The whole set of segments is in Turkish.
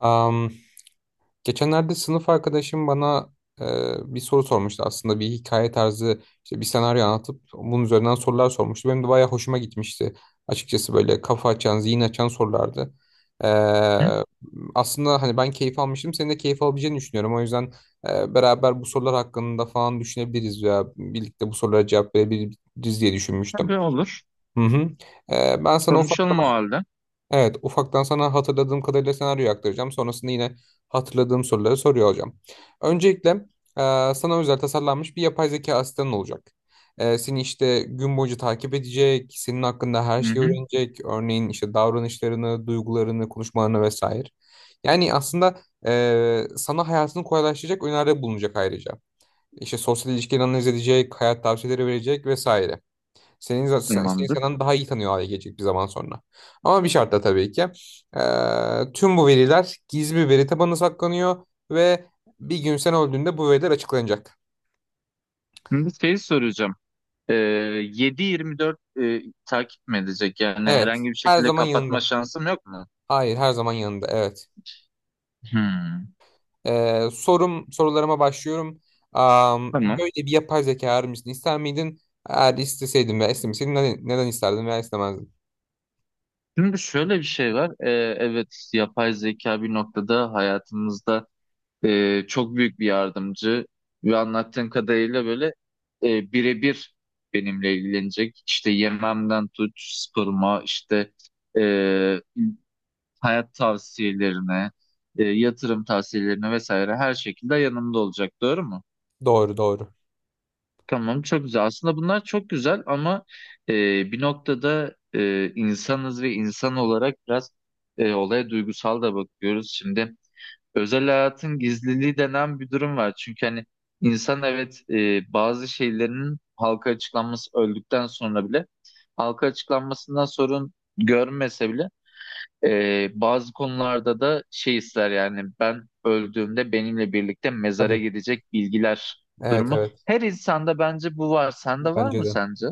Am, geçenlerde sınıf arkadaşım bana e, bir soru sormuştu. Aslında bir hikaye tarzı işte bir senaryo anlatıp bunun üzerinden sorular sormuştu. Benim de bayağı hoşuma gitmişti. Açıkçası böyle kafa açan, zihin açan sorulardı. E, Hı? aslında hani ben keyif almıştım. Senin de keyif alabileceğini düşünüyorum. O yüzden beraber bu sorular hakkında falan düşünebiliriz veya birlikte bu sorulara cevap verebiliriz diye düşünmüştüm. Tabii olur. Hı hı. Ben sana ufak. Konuşalım o halde. Evet, ufaktan sana hatırladığım kadarıyla senaryoyu aktaracağım. Sonrasında yine hatırladığım soruları soruyor olacağım. Öncelikle sana özel tasarlanmış bir yapay zeka asistanın olacak. Seni işte gün boyunca takip edecek, senin hakkında her Hı şeyi hı. öğrenecek. Örneğin işte davranışlarını, duygularını, konuşmalarını vesaire. Yani aslında sana hayatını kolaylaştıracak öneride bulunacak ayrıca. İşte sosyal ilişkileri analiz edecek, hayat tavsiyeleri verecek vesaire. Seni Tamamdır. senden daha iyi tanıyor hale gelecek bir zaman sonra. Ama bir şartla tabii ki. Tüm bu veriler gizli bir veri tabanına saklanıyor ve bir gün sen öldüğünde bu veriler açıklanacak. Şimdi şeyi soracağım. Ee, 7-24 takip mi edecek? Yani Evet. herhangi bir Her şekilde zaman kapatma yanında. şansım yok mu? Hayır, her zaman yanında. Evet. Hı. Sorularıma başlıyorum. Tamam. Böyle bir yapay zeka arar mısın? İster miydin? Eğer isteseydin veya istemeseydin neden isterdin veya istemezdin? Şimdi şöyle bir şey var. Evet, yapay zeka bir noktada hayatımızda çok büyük bir yardımcı ve anlattığın kadarıyla böyle birebir benimle ilgilenecek. İşte yememden tut, sporuma, işte e, hayat tavsiyelerine, yatırım tavsiyelerine vesaire, her şekilde yanımda olacak. Doğru mu? Doğru, doğru. Tamam, çok güzel. Aslında bunlar çok güzel, ama e, bir noktada insanız ve insan olarak biraz olaya duygusal da bakıyoruz. Şimdi özel hayatın gizliliği denen bir durum var. Çünkü hani insan, evet, bazı şeylerin halka açıklanması, öldükten sonra bile halka açıklanmasından sorun görmese bile, bazı konularda da şey ister, yani ben öldüğümde benimle birlikte mezara Tabii. gidecek bilgiler Evet, durumu. evet. Her insanda bence bu var. Sende var Bence mı de. sence?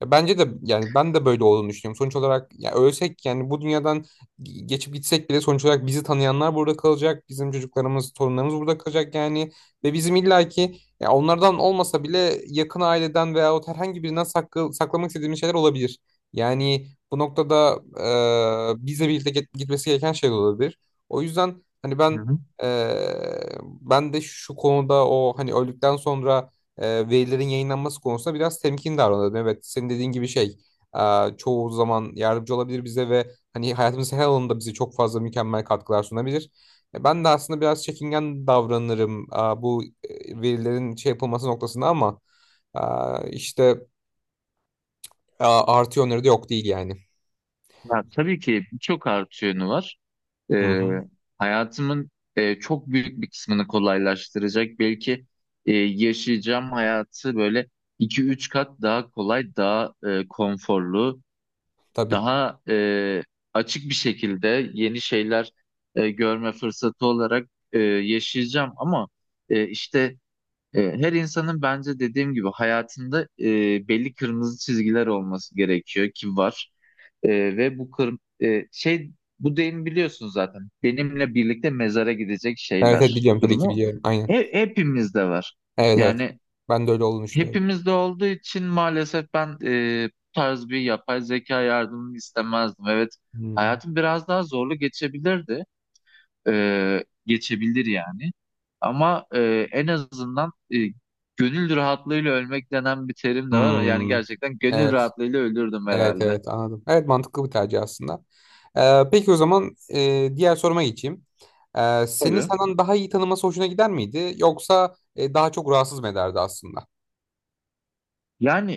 Ya bence de yani ben de böyle olduğunu düşünüyorum. Sonuç olarak ya ölsek yani bu dünyadan geçip gitsek bile sonuç olarak bizi tanıyanlar burada kalacak. Bizim çocuklarımız, torunlarımız burada kalacak yani. Ve bizim illaki ya onlardan olmasa bile yakın aileden veyahut herhangi birinden saklamak istediğimiz şeyler olabilir. Yani bu noktada bizle birlikte gitmesi gereken şey de olabilir. O yüzden hani Hı ben, hı. e, ben de şu konuda o hani öldükten sonra e, verilerin yayınlanması konusunda biraz temkin davranalım. Evet, senin dediğin gibi çoğu zaman yardımcı olabilir bize ve hani hayatımızın her alanında bize çok fazla mükemmel katkılar sunabilir. Ben de aslında biraz çekingen davranırım, bu verilerin şey yapılması noktasında ama e, işte artı yönleri de yok değil yani. Ya, tabii ki birçok artı yönü var. Hı Ee, hı. hayatımın çok büyük bir kısmını kolaylaştıracak. Belki yaşayacağım hayatı böyle iki üç kat daha kolay, daha konforlu, Tabii. daha açık bir şekilde yeni şeyler görme fırsatı olarak yaşayacağım, ama işte her insanın bence dediğim gibi hayatında belli kırmızı çizgiler olması gerekiyor, ki var. E, ve bu şey, bu deyim biliyorsun zaten, benimle birlikte mezara gidecek Evet, evet şeyler biliyorum, tabii ki durumu biliyorum. Aynen. Hepimizde var Evet, evet. yani. Ben de öyle olduğunu düşünüyorum. Hepimizde olduğu için maalesef ben bu tarz bir yapay zeka yardımını istemezdim. Evet, Hmm. hayatım biraz daha zorlu geçebilirdi. Geçebilir yani. Ama en azından gönül rahatlığıyla ölmek denen bir terim de var. Yani Hmm. gerçekten gönül Evet. rahatlığıyla ölürdüm Evet, herhalde. evet, anladım. Evet, mantıklı bir tercih aslında. Peki o zaman diğer soruma geçeyim. Seni Tabii. senden daha iyi tanıması hoşuna gider miydi? Yoksa daha çok rahatsız mı ederdi aslında? Yani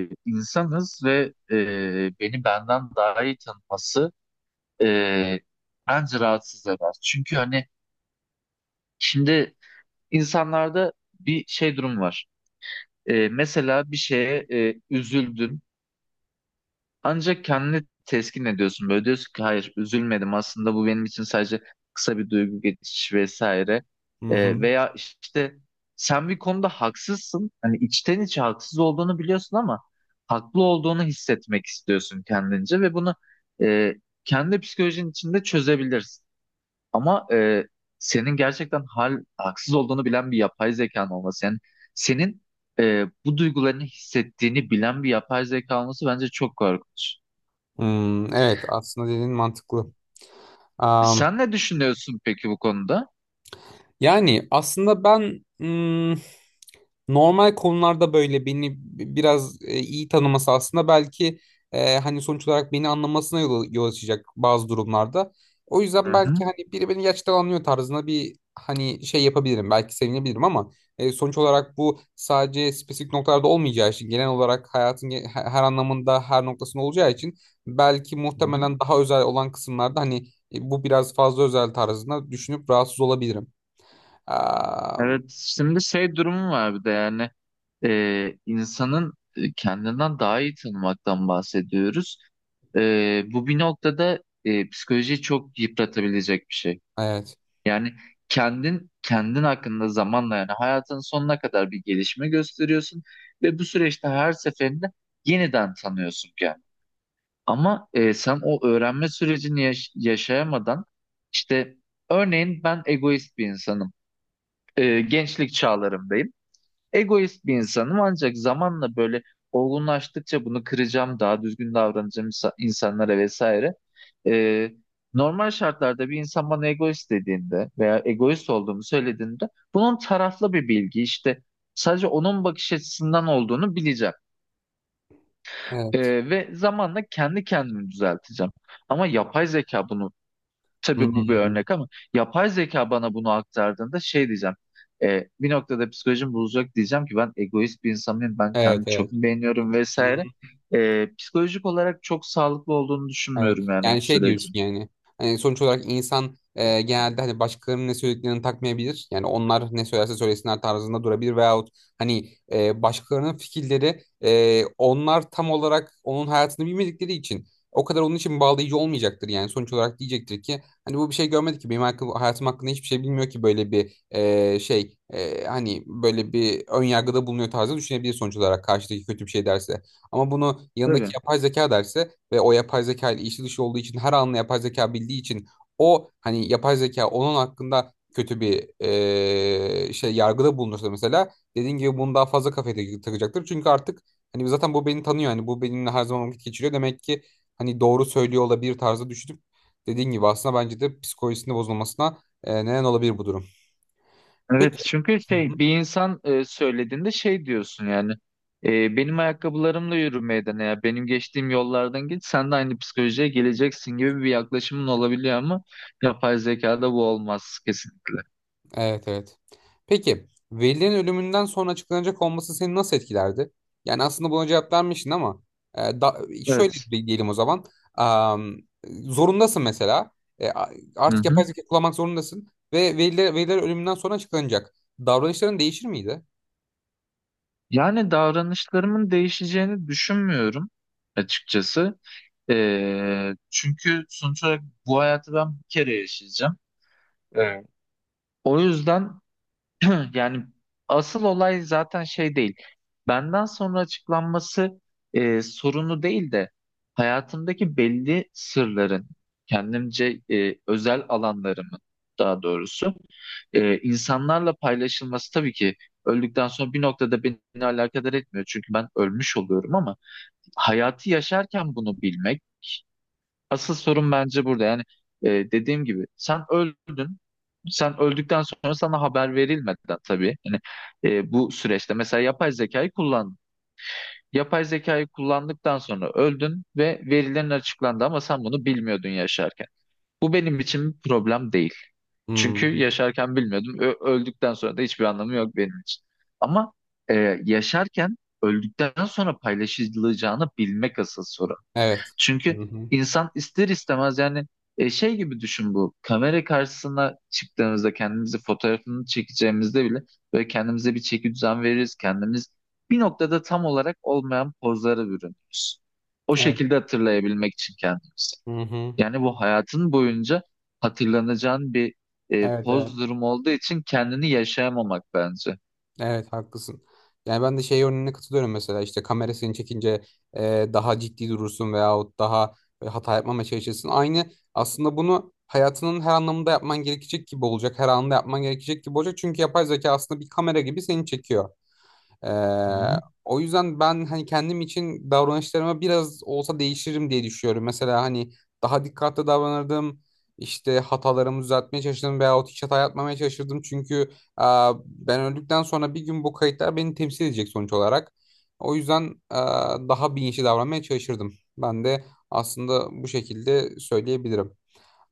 insanız ve beni benden daha iyi tanıması e, bence rahatsız eder. Çünkü hani şimdi İnsanlarda bir şey durum var. Mesela bir şeye üzüldün, ancak kendini teskin ediyorsun. Böyle diyorsun ki, hayır, üzülmedim aslında, bu benim için sadece kısa bir duygu geçişi vesaire. Hı hı. Veya işte sen bir konuda haksızsın. Hani içten içe haksız olduğunu biliyorsun, ama haklı olduğunu hissetmek istiyorsun kendince ve bunu e, kendi psikolojinin içinde çözebilirsin. Ama senin gerçekten haksız olduğunu bilen bir yapay zekan olması, yani senin bu duygularını hissettiğini bilen bir yapay zeka olması bence çok korkunç. Hmm, evet aslında dediğin mantıklı. Sen ne düşünüyorsun peki bu konuda? Yani aslında ben, hmm, normal konularda böyle beni biraz iyi tanıması aslında belki hani sonuç olarak beni anlamasına yol açacak bazı durumlarda. O Hı yüzden hı. belki hani biri beni gerçekten anlıyor tarzında bir hani şey yapabilirim. Belki sevinebilirim ama sonuç olarak bu sadece spesifik noktalarda olmayacağı için genel olarak hayatın her anlamında her noktasında olacağı için belki Hı hı. muhtemelen daha özel olan kısımlarda hani bu biraz fazla özel tarzında düşünüp rahatsız olabilirim. Am, Evet, şimdi şey durumu var bir de, yani insanın kendinden daha iyi tanımaktan bahsediyoruz. Bu bir noktada psikolojiyi çok yıpratabilecek bir şey. evet. Yani kendin hakkında zamanla, yani hayatın sonuna kadar bir gelişme gösteriyorsun ve bu süreçte her seferinde yeniden tanıyorsun kendini. Ama sen o öğrenme sürecini yaşayamadan, işte, örneğin ben egoist bir insanım. Gençlik çağlarımdayım, egoist bir insanım, ancak zamanla böyle olgunlaştıkça bunu kıracağım, daha düzgün davranacağım insanlara vesaire. Ee, Normal şartlarda bir insan bana egoist dediğinde veya egoist olduğumu söylediğinde, bunun taraflı bir bilgi, işte, sadece onun bakış açısından olduğunu bileceğim. Evet. Ve zamanla kendi kendimi düzelteceğim. Ama yapay zeka bunu, Hı tabii bu bir hı. örnek ama, yapay zeka bana bunu aktardığında şey diyeceğim. Bir noktada psikolojim bozacak, diyeceğim ki ben egoist bir insan mıyım, ben Evet, kendimi evet. çok beğeniyorum Hı vesaire. hı. Psikolojik olarak çok sağlıklı olduğunu Evet. düşünmüyorum yani bu Yani şey diyorsun sürecin. yani. Hani sonuç olarak insan genelde hani başkalarının ne söylediklerini takmayabilir. Yani onlar ne söylerse söylesinler tarzında durabilir veyahut hani başkalarının fikirleri onlar tam olarak onun hayatını bilmedikleri için o kadar onun için bağlayıcı olmayacaktır yani. Sonuç olarak diyecektir ki hani bu bir şey görmedi ki benim hayatım hakkında hiçbir şey bilmiyor ki böyle bir hani böyle bir ön yargıda bulunuyor tarzı düşünebilir sonuç olarak karşıdaki kötü bir şey derse. Ama bunu yanındaki Tabii. yapay zeka derse ve o yapay zeka ile içi dışı olduğu için her anını yapay zeka bildiği için o hani yapay zeka onun hakkında kötü bir şey yargıda bulunursa mesela dediğin gibi bunu daha fazla kafaya takacaktır. Çünkü artık hani zaten bu beni tanıyor, hani bu benimle her zaman vakit geçiriyor demek ki hani doğru söylüyor olabilir tarzı düşünüp dediğin gibi aslında bence de psikolojisinde bozulmasına neden olabilir bu durum. Evet, Peki. çünkü şey, bir insan söylediğinde şey diyorsun yani, benim ayakkabılarımla yürümeydin ya, benim geçtiğim yollardan git, sen de aynı psikolojiye geleceksin gibi bir yaklaşımın olabiliyor, ama yapay zekada bu olmaz kesinlikle. Evet, evet. Peki Veli'nin ölümünden sonra açıklanacak olması seni nasıl etkilerdi? Yani aslında buna cevap vermiştin ama e, da, şöyle Evet. Diyelim o zaman. Am, zorundasın mesela. E, a- Hı artık yapay hı. zeka kullanmak zorundasın. Ve Veliler ölümünden sonra açıklanacak. Davranışların değişir miydi? Yani davranışlarımın değişeceğini düşünmüyorum açıkçası. Çünkü sonuç olarak bu hayatı ben bir kere yaşayacağım. Evet. O yüzden, Hı, Yani asıl olay zaten şey değil. Benden sonra açıklanması sorunu değil de, hayatımdaki belli sırların, kendimce özel alanlarımın, daha doğrusu insanlarla paylaşılması, tabii ki öldükten sonra bir noktada beni alakadar etmiyor. Çünkü ben ölmüş oluyorum, ama hayatı yaşarken bunu bilmek asıl sorun bence burada. Yani dediğim gibi, sen öldün. Sen öldükten sonra sana haber verilmeden tabii. Yani bu süreçte mesela yapay zekayı kullandın. Yapay zekayı kullandıktan sonra öldün ve verilerin açıklandı, ama sen bunu bilmiyordun yaşarken. Bu benim için bir problem değil. Çünkü Hmm. yaşarken bilmiyordum. Öldükten sonra da hiçbir anlamı yok benim için. Ama e, yaşarken, öldükten sonra paylaşılacağını bilmek asıl sorun. Evet. Hı Çünkü hı. insan ister istemez, yani şey gibi düşün bu. Kamera karşısına çıktığımızda, kendimizi fotoğrafını çekeceğimizde bile böyle kendimize bir çeki düzen veririz. Kendimiz bir noktada tam olarak olmayan pozlara bürünürüz. O Evet. şekilde hatırlayabilmek için kendimizi. Hı hı. Yani bu, hayatın boyunca hatırlanacağın bir Evet, evet. poz durumu olduğu için kendini yaşayamamak bence. Evet haklısın. Yani ben de şey örneğine katılıyorum, mesela işte kamerasını çekince daha ciddi durursun veyahut daha hata yapmamaya çalışırsın. Aynı aslında bunu hayatının her anlamında yapman gerekecek gibi olacak. Her anında yapman gerekecek gibi olacak. Çünkü yapay zeka aslında bir kamera gibi seni çekiyor. Ee, Hı hı. o yüzden ben hani kendim için davranışlarıma biraz olsa değişirim diye düşünüyorum. Mesela hani daha dikkatli davranırdım. İşte hatalarımı düzeltmeye çalışırdım veyahut hiç hata yapmamaya çalışırdım. Çünkü e, ben öldükten sonra bir gün bu kayıtlar beni temsil edecek sonuç olarak. O yüzden e, daha bilinçli davranmaya çalışırdım. Ben de aslında bu şekilde söyleyebilirim.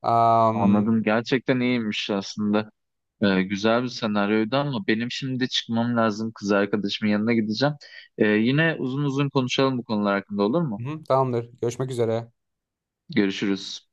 Am, Anladım. Gerçekten iyiymiş aslında. Güzel bir senaryoydu, ama benim şimdi çıkmam lazım. Kız arkadaşımın yanına gideceğim. Yine uzun uzun konuşalım bu konular hakkında, olur mu? hı, tamamdır. Görüşmek üzere. Görüşürüz.